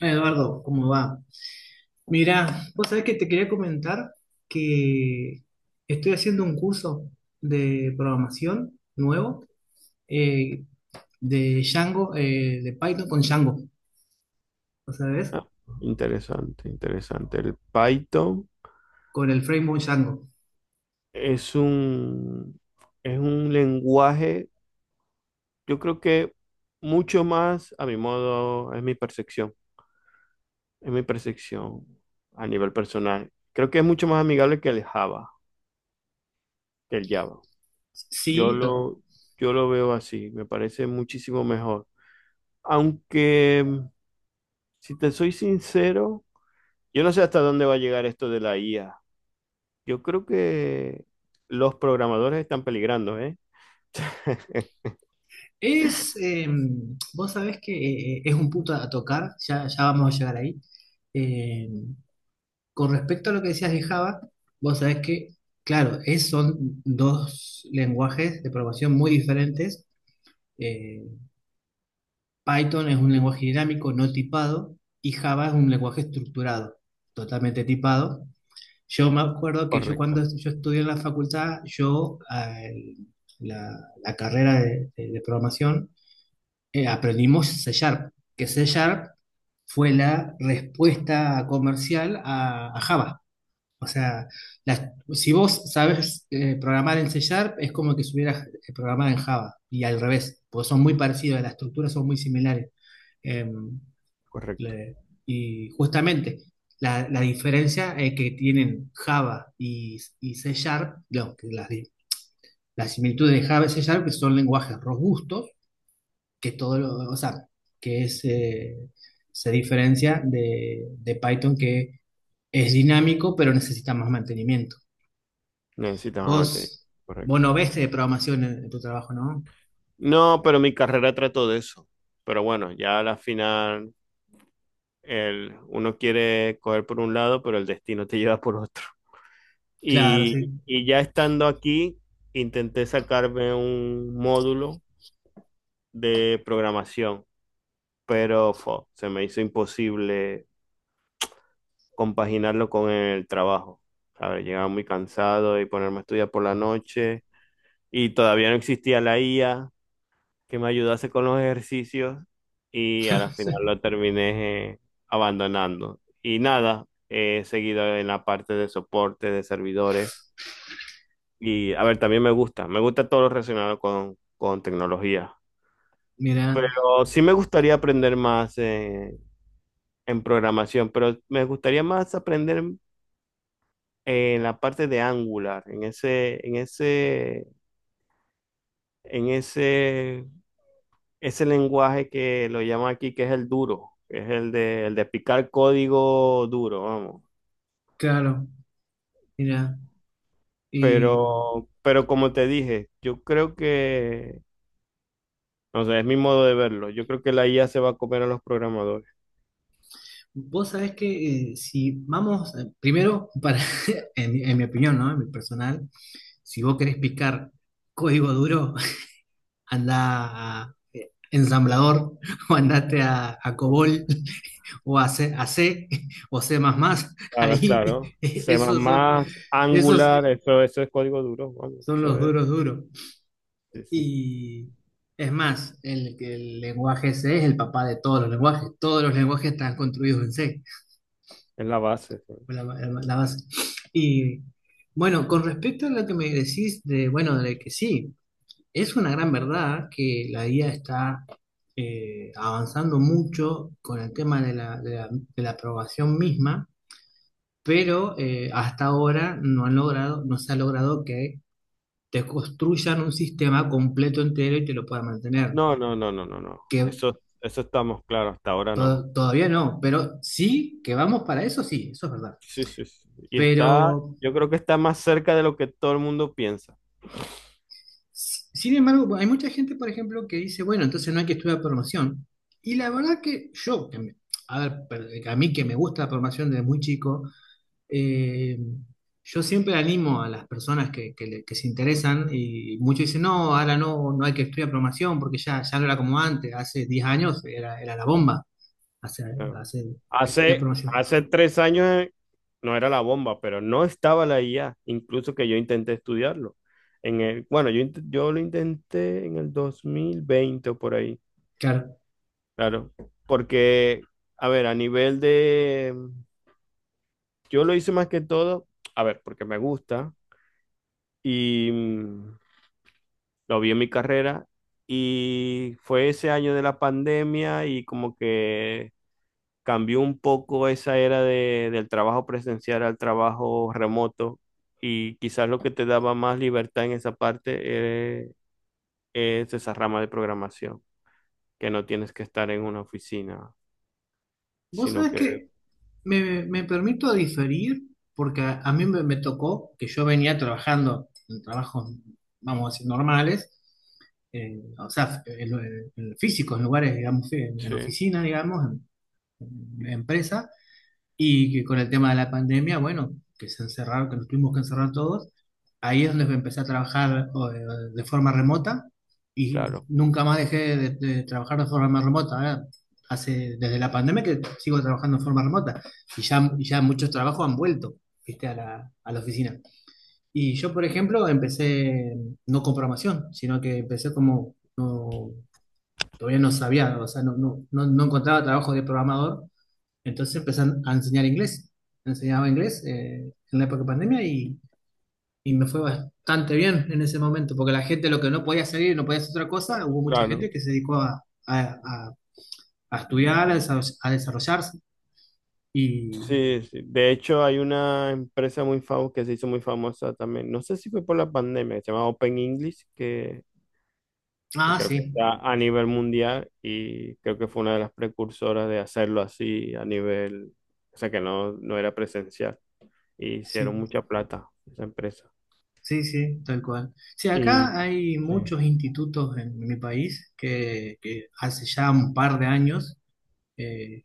Eduardo, ¿cómo va? Mira, vos sabés que te quería comentar que estoy haciendo un curso de programación nuevo, eh, de Django, de Python con Django, ¿lo sabés? Ah, interesante, interesante. El Python Con el framework Django. es un, es un lenguaje, yo creo que mucho más, a mi modo, es mi percepción a nivel personal. Creo que es mucho más amigable que el Java, que el Java. Yo Sí, lo, yo lo veo así, me parece muchísimo mejor. Aunque, si te soy sincero, yo no sé hasta dónde va a llegar esto de la IA. Yo creo que los programadores están peligrando, ¿eh? es, vos sabés que es un punto a tocar, ya vamos a llegar ahí. Eh, con respecto a lo que decías de Java, vos sabés que, claro, es, son dos lenguajes de programación muy diferentes. Eh, Python es un lenguaje dinámico no tipado y Java es un lenguaje estructurado, totalmente tipado. Yo me acuerdo que yo Correcto, cuando yo estudié en la facultad, yo la, la carrera de, de programación, aprendimos C Sharp, que C Sharp fue la respuesta comercial a Java. O sea, las- si vos sabes programar en C Sharp, es como que supieras programar en Java, y al revés, porque son muy parecidos, las estructuras son muy similares. Em, correcto. le- y justamente la diferencia que tienen Java y C Sharp, lo que las similitudes de Java y C Sharp, que son lenguajes robustos, que todo lo, o sea, que es, se diferencia de Python, que es dinámico pero necesita más mantenimiento. Necesitas mantener. Vos, vos no Correcto. ves de programación en tu trabajo, ¿no? No, pero mi carrera trató de eso. Pero bueno, ya a la final uno quiere coger por un lado, pero el destino te lleva por otro. Claro, Y, sí. y ya estando aquí, intenté sacarme un módulo de programación, pero se me hizo imposible compaginarlo con el trabajo. ¿Sabes? Llegaba muy cansado y ponerme a estudiar por la noche. Y todavía no existía la IA, que me ayudase con los ejercicios y al final lo terminé abandonando. Y nada, he seguido en la parte de soporte de servidores. Y a ver, también me gusta todo lo relacionado con tecnología. Mira, Pero sí me gustaría aprender más en programación, pero me gustaría más aprender en la parte de Angular, en ese lenguaje que lo llaman aquí, que es el duro, que es el de picar código duro, vamos. claro, mira. Y Pero como te dije, yo creo que, no sé, es mi modo de verlo. Yo creo que la IA se va a comer a los programadores. vos sabés que si vamos, primero, para, en mi opinión, ¿no? En mi personal, si vos querés picar código duro, anda a ensamblador o andate a COBOL o a C o C++. Claro, Ahí, claro. C++, esos son, esos Angular, eso es código duro, vamos, son eso los es, duros duros. sí, sí, Y es más, el lenguaje C es el papá de todos los lenguajes. Todos los lenguajes están construidos en C. es la base. Eso. La base. Y bueno, con respecto a lo que me decís de, bueno, de que sí, es una gran verdad que la IA está avanzando mucho con el tema de de la aprobación misma, pero hasta ahora no han logrado, no se ha logrado que te construyan un sistema completo entero y te lo puedan mantener. No, no, no, no, no, no. Que Eso estamos claros, hasta ahora no. Todavía no, pero sí que vamos para eso, sí, eso es verdad. Sí, sí, sí. Pero Yo creo que está más cerca de lo que todo el mundo piensa. Sin embargo, hay mucha gente, por ejemplo, que dice, bueno, entonces no hay que estudiar programación. Y la verdad que a ver, a mí que me gusta la programación desde muy chico, eh, yo siempre animo a las personas que se interesan, y muchos dicen, no, ahora no, no hay que estudiar programación porque ya no era como antes, hace 10 años era, era la bomba, hacer, Claro. hacer, estudiar Hace, programación. hace 3 años no era la bomba, pero no estaba la IA, incluso que yo intenté estudiarlo. Bueno, yo lo intenté en el 2020 o por ahí, Claro. claro, porque, a ver, a nivel de, yo lo hice más que todo, a ver, porque me gusta y lo vi en mi carrera y fue ese año de la pandemia y como que cambió un poco esa era del trabajo presencial al trabajo remoto y quizás lo que te daba más libertad en esa parte es esa rama de programación, que no tienes que estar en una oficina, Vos sino sabés que... que me permito diferir porque a mí me tocó que yo venía trabajando en trabajos, vamos a decir, normales, o sea, en físicos, en lugares, digamos, en Sí, oficina, digamos, en empresa, y que con el tema de la pandemia, bueno, que se encerraron, que nos tuvimos que encerrar todos, ahí es donde empecé a trabajar o, de forma remota, y claro, nunca más dejé de trabajar de forma remota, ¿eh? Hace, desde la pandemia que sigo trabajando de forma remota, y ya muchos trabajos han vuelto, ¿viste? A la oficina. Y yo, por ejemplo, empecé no con programación, sino que empecé como, no, todavía no sabía, o sea, no encontraba trabajo de programador, entonces empecé a enseñar inglés. Enseñaba inglés en la época de pandemia, y me fue bastante bien en ese momento, porque la gente lo que no podía salir, no podía hacer otra cosa, hubo mucha gente claro. que se dedicó a estudiar, a, a desarrollarse. Y, Sí, sí. De hecho, hay una empresa muy famosa que se hizo muy famosa también. No sé si fue por la pandemia, se llama Open English, que ah, creo que sí, está a nivel mundial y creo que fue una de las precursoras de hacerlo así a nivel, o sea que no, no era presencial. Y hicieron sí, mucha plata esa empresa. sí, sí, tal cual. Sí, Y acá hay sí. muchos institutos en, mi país que hace ya un par de años. eh,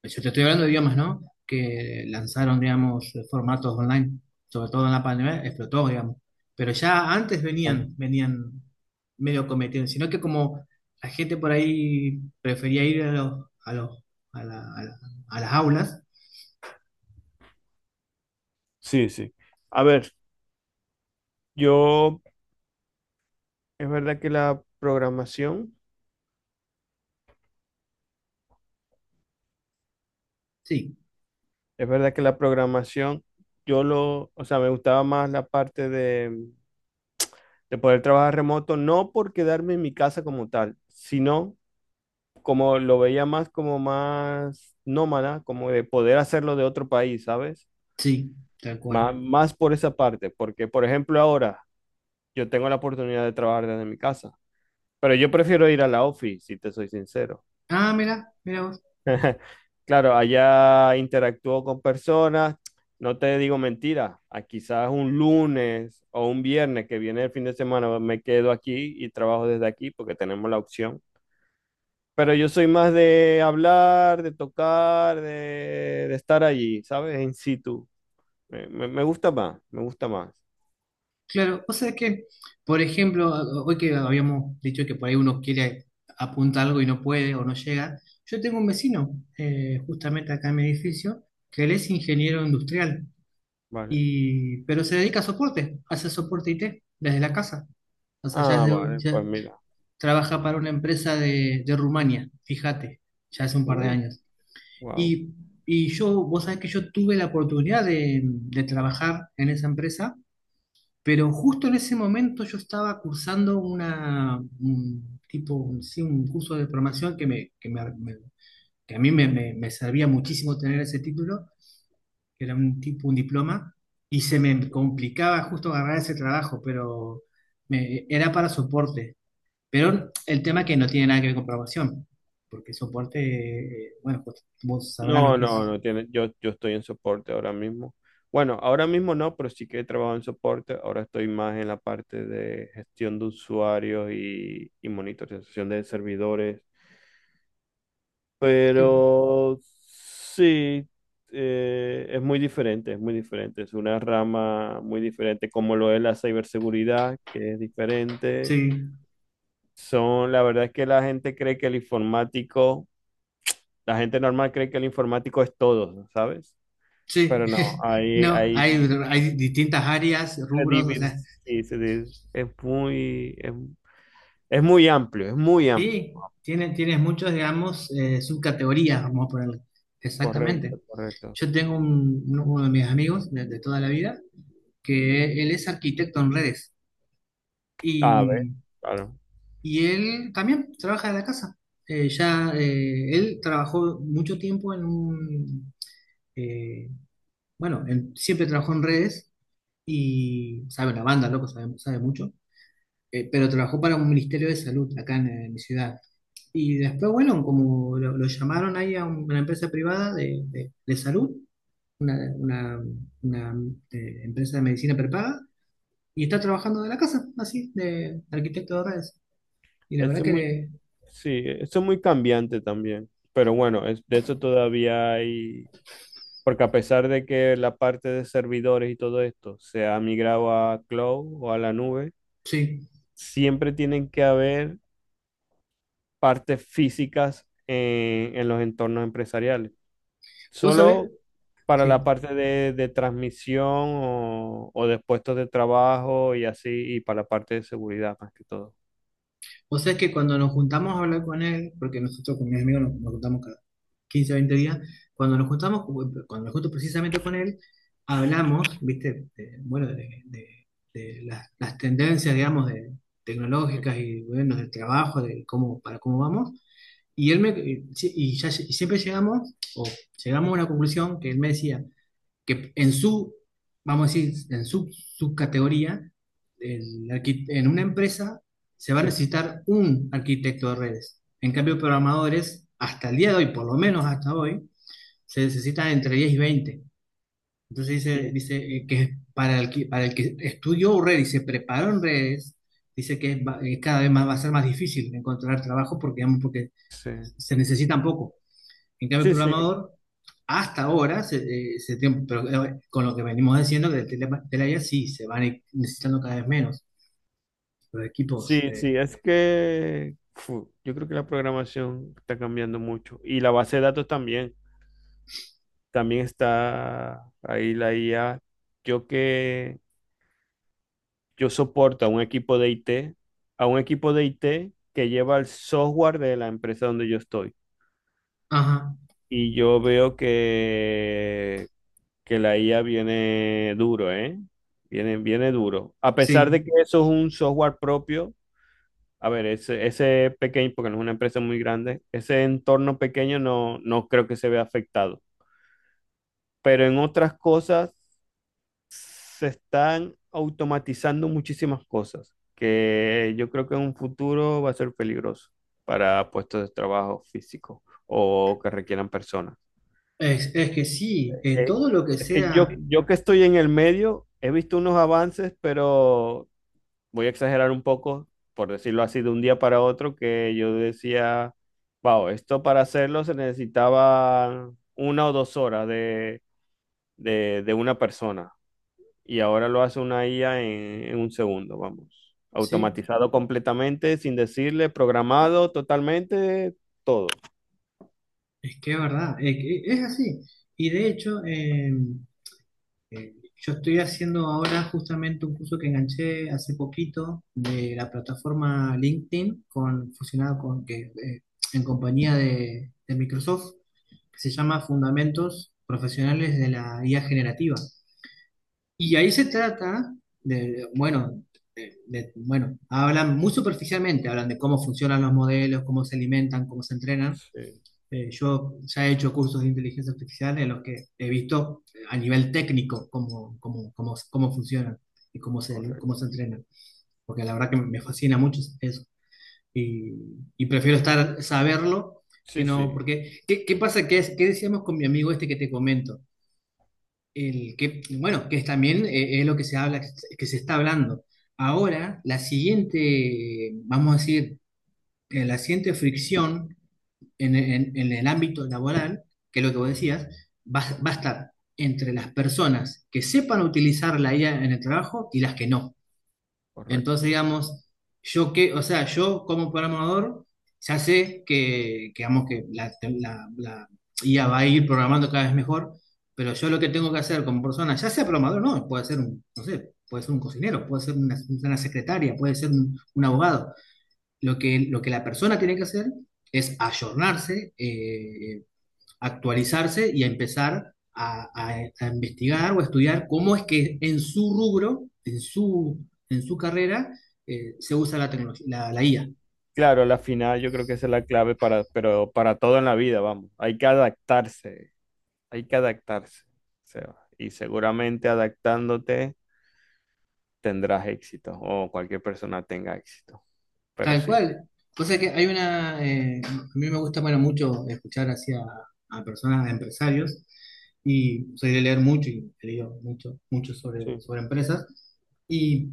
Pues yo te estoy hablando de idiomas, ¿no? Que lanzaron, digamos, formatos online, sobre todo en la pandemia, explotó, digamos. Pero ya antes venían, Claro. venían medio cometiendo, sino que como la gente por ahí prefería ir a los, a los, a la- a la- a las aulas, Sí, sí. A ver, yo, es verdad que la programación, sí, es verdad que la programación, o sea, me gustaba más la parte de poder trabajar remoto, no por quedarme en mi casa como tal, sino como lo veía más como más nómada, como de poder hacerlo de otro país, ¿sabes? sí, tal cual. Más por esa parte, porque por ejemplo ahora yo tengo la oportunidad de trabajar desde mi casa, pero yo prefiero ir a la office, si te soy sincero. Ah, mira, mira. Claro, allá interactúo con personas, no te digo mentira, a quizás un lunes o un viernes que viene el fin de semana me quedo aquí y trabajo desde aquí porque tenemos la opción. Pero yo soy más de hablar, de tocar, de estar allí, ¿sabes? En situ. Me gusta más, me gusta más. Claro, o sea que, por ejemplo, hoy que habíamos dicho que por ahí uno quiere apuntar algo y no puede o no llega, yo tengo un vecino, justamente acá en mi edificio, que él es ingeniero industrial, Vale. y, pero se dedica a soporte, hace soporte IT desde la casa. O sea, ya, Ah, vale, ya pues mira. trabaja para una empresa de Rumania, fíjate, ya hace un par de Uh, años. wow. Y, y yo, vos sabés que yo tuve la oportunidad de trabajar en esa empresa, pero justo en ese momento yo estaba cursando una, un tipo, sí, un curso de formación que a mí me servía muchísimo tener ese título, que era un tipo, un diploma, y se me complicaba justo agarrar ese trabajo, pero era para soporte. Pero el tema que no tiene nada que ver con programación, porque soporte, bueno, pues vos sabrás lo No, que no, es. no tiene. Yo estoy en soporte ahora mismo. Bueno, ahora mismo no, pero sí que he trabajado en soporte. Ahora estoy más en la parte de gestión de usuarios y monitorización de servidores. Pero sí, es muy diferente, es muy diferente. Es una rama muy diferente, como lo es la ciberseguridad, que es diferente. Sí, Son, la verdad es que la gente cree que el informático, la gente normal cree que el informático es todo, ¿sabes? sí. Pero no, hay, No, hay, hay distintas áreas, se rubros, o divir- sea. sí, es muy, es muy amplio, es muy amplio. Sí, tienes, tienes muchos, digamos, subcategorías, vamos a ponerle. Correcto, Exactamente. correcto. Yo tengo uno, uno de mis amigos de toda la vida, que él es arquitecto en redes A ver, y, claro. y él también trabaja de la casa. Ya, él trabajó mucho tiempo en un, eh, bueno, siempre trabajó en redes y sabe la banda, loco, sabe, sabe mucho, pero trabajó para un ministerio de salud acá en mi ciudad. Y después, bueno, como lo llamaron ahí a una empresa privada de, de salud, una, una, empresa de medicina prepaga, y está trabajando de la casa, así, de arquitecto de redes. Y la Eso verdad es que muy le, Sí, eso es muy cambiante también, pero bueno, de eso todavía hay, porque a pesar de que la parte de servidores y todo esto se ha migrado a cloud o a la nube, sí, siempre tienen que haber partes físicas en los entornos empresariales. vos sabés, Solo para la sí, parte de transmisión o de puestos de trabajo y así, y para la parte de seguridad más que todo. o sea, es que cuando nos juntamos a hablar con él, porque nosotros con mis amigos nos, nos juntamos cada 15 o 20 días, cuando nos juntamos, cuando me junto precisamente con él, hablamos, viste, bueno, de, de las tendencias, digamos, de, tecnológicas y, bueno, del trabajo, de cómo, para cómo vamos. Y él me, y, y siempre llegamos, o llegamos a una conclusión que él me decía, que en su, vamos a decir, en su subcategoría, en una empresa se va a Sí, necesitar un arquitecto de redes. En cambio, programadores, hasta el día de hoy, por lo menos hasta hoy, se necesitan entre 10 y 20. Entonces dice, sí, dice que para el que, para el que estudió redes y se preparó en redes, dice que cada vez más va a ser más difícil encontrar trabajo porque, digamos, porque sí. se necesitan poco. En cambio, el Sí, sí. programador, hasta ahora, se, pero, con lo que venimos diciendo, que Telaya sí, se van necesitando cada vez menos los equipos. Sí, sí, es que yo creo que la programación está cambiando mucho y la base de datos también, también está ahí la IA. Yo que yo soporto a un equipo de IT, a un equipo de IT que lleva el software de la empresa donde yo estoy Ajá, y yo veo que la IA viene duro, ¿eh? Viene duro. A pesar sí. de que eso es un software propio. A ver, ese pequeño, porque no es una empresa muy grande, ese entorno pequeño no creo que se vea afectado. Pero en otras cosas se están automatizando muchísimas cosas que yo creo que en un futuro va a ser peligroso para puestos de trabajo físicos o que requieran personas. Es que sí, Eh, todo lo que es que yo, sea, yo que estoy en el medio, he visto unos avances, pero voy a exagerar un poco, por decirlo así, de un día para otro, que yo decía, wow, esto para hacerlo se necesitaba 1 o 2 horas de una persona. Y ahora lo hace una IA en 1 segundo, vamos. sí, Automatizado completamente, sin decirle, programado totalmente, todo. es que es verdad, que es, así. Y de hecho, eh, yo estoy haciendo ahora justamente un curso que enganché hace poquito de la plataforma LinkedIn, con, fusionado con que, en compañía de Microsoft, que se llama Fundamentos Profesionales de la IA Generativa. Y ahí se trata de, bueno, bueno, hablan muy superficialmente, hablan de cómo funcionan los modelos, cómo se alimentan, cómo se entrenan. Sí, Yo ya he hecho cursos de inteligencia artificial en los que he visto a nivel técnico cómo funcionan y cómo se correcto. entrenan, porque la verdad que me fascina mucho eso. Y, y prefiero estar, saberlo que Sí, no, sí, porque ¿qué, qué pasa? ¿Qué, qué decíamos con mi amigo este que te comento? El que, bueno, que es también es lo que se habla, que se está hablando. Ahora, la siguiente, vamos a decir, la siguiente fricción en, en el ámbito laboral, que es lo que vos decías, va, va a estar entre las personas que sepan utilizar la IA en el trabajo y las que no. Entonces, correcto. digamos, yo que, o sea, yo como programador, ya sé que, digamos, que la, la IA va a ir programando cada vez mejor, pero yo lo que tengo que hacer como persona, ya sea programador, no, puede ser un, no sé, puede ser un cocinero, puede ser una secretaria, puede ser un abogado. Lo que la persona tiene que hacer es ayornarse, actualizarse y a empezar a, a investigar o a estudiar cómo es que en su rubro, en su carrera, se usa la tecnología, la, la IA. Claro, la final yo creo que esa es la clave para, pero para todo en la vida, vamos. Hay que adaptarse. Hay que adaptarse, Seba, y seguramente adaptándote tendrás éxito o cualquier persona tenga éxito, pero Tal sí. cual. Cosa que hay una, a mí me gusta bueno, mucho escuchar hacia a personas, a empresarios, y soy de leer mucho y he leído mucho, mucho sobre, Sí. sobre empresas. Y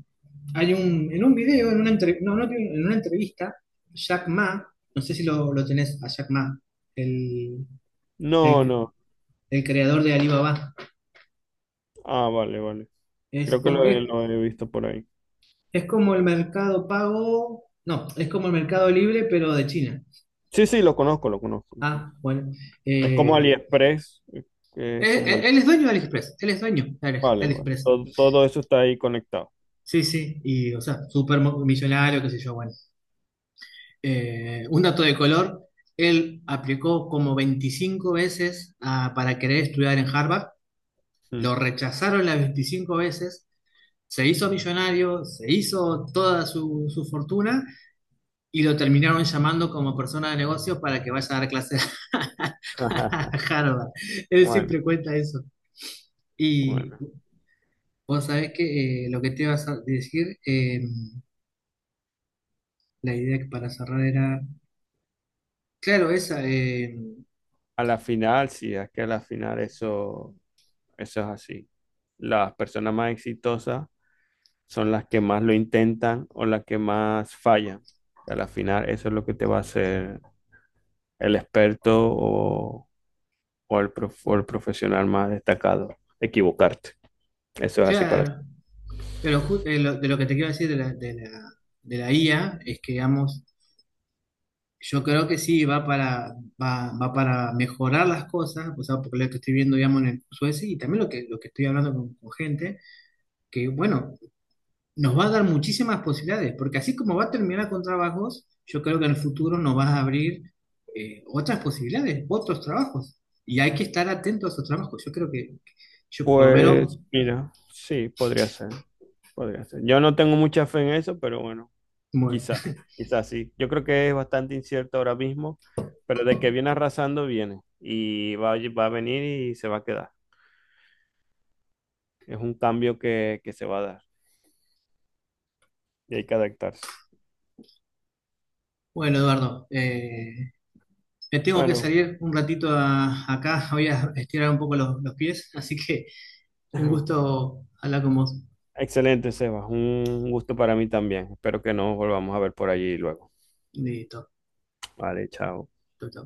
hay un, en un video, en una, entre- no, no, en una entrevista, Jack Ma, no sé si lo, lo tenés a Jack Ma, No, el, no. el creador de Alibaba. Ah, vale, vale. Es Creo que como, lo he, lo es, he visto por ahí. es como el mercado pago, no, es como el mercado libre, pero de China. Sí, sí, lo conozco, lo conozco, lo conozco. Ah, bueno. Es como Eh, AliExpress, que es como el... él es dueño de AliExpress, él es dueño de Vale, vale. AliExpress. Todo eso está ahí conectado. Sí, sí, y o sea, millonario, qué sé yo, bueno. Un dato de color, él aplicó como 25 veces ah, para querer estudiar en Harvard, lo Mm. rechazaron las 25 veces, se hizo millonario, se hizo toda su, su fortuna, y lo terminaron llamando como persona de negocios para que vaya a dar clases a Harvard. Él Bueno, siempre cuenta eso. Y bueno. vos sabés que lo que te ibas a decir, la idea que para cerrar era, claro, esa, A la final, sí, es que a la final eso es así. Las personas más exitosas son las que más lo intentan o las que más fallan. A la final, eso es lo que te va a hacer el experto o o el profesional más destacado, equivocarte. Eso es así para claro, ti. pero de lo que te quiero decir de la, de la, de la IA es que, digamos, yo creo que sí, va para, va, va para mejorar las cosas, o sea, porque lo que estoy viendo, digamos, en el curso ese, y también lo que estoy hablando con gente, que, bueno, nos va a dar muchísimas posibilidades, porque así como va a terminar con trabajos, yo creo que en el futuro nos va a abrir otras posibilidades, otros trabajos. Y hay que estar atento a esos trabajos. Yo creo que yo por lo menos... Pues mira, sí, podría ser, podría ser. Yo no tengo mucha fe en eso, pero bueno, Bueno, quizá, quizá sí. Yo creo que es bastante incierto ahora mismo, pero de que viene arrasando, viene. Va a venir y se va a quedar. Es un cambio que se va a dar y hay que adaptarse. bueno Eduardo, me tengo que Bueno, salir un ratito acá, voy a estirar un poco los pies, así que un gusto hablar con vos. Excelente, Sebas. Un gusto para mí también. Espero que nos volvamos a ver por allí luego. Listo, Vale, chao. chau, chau.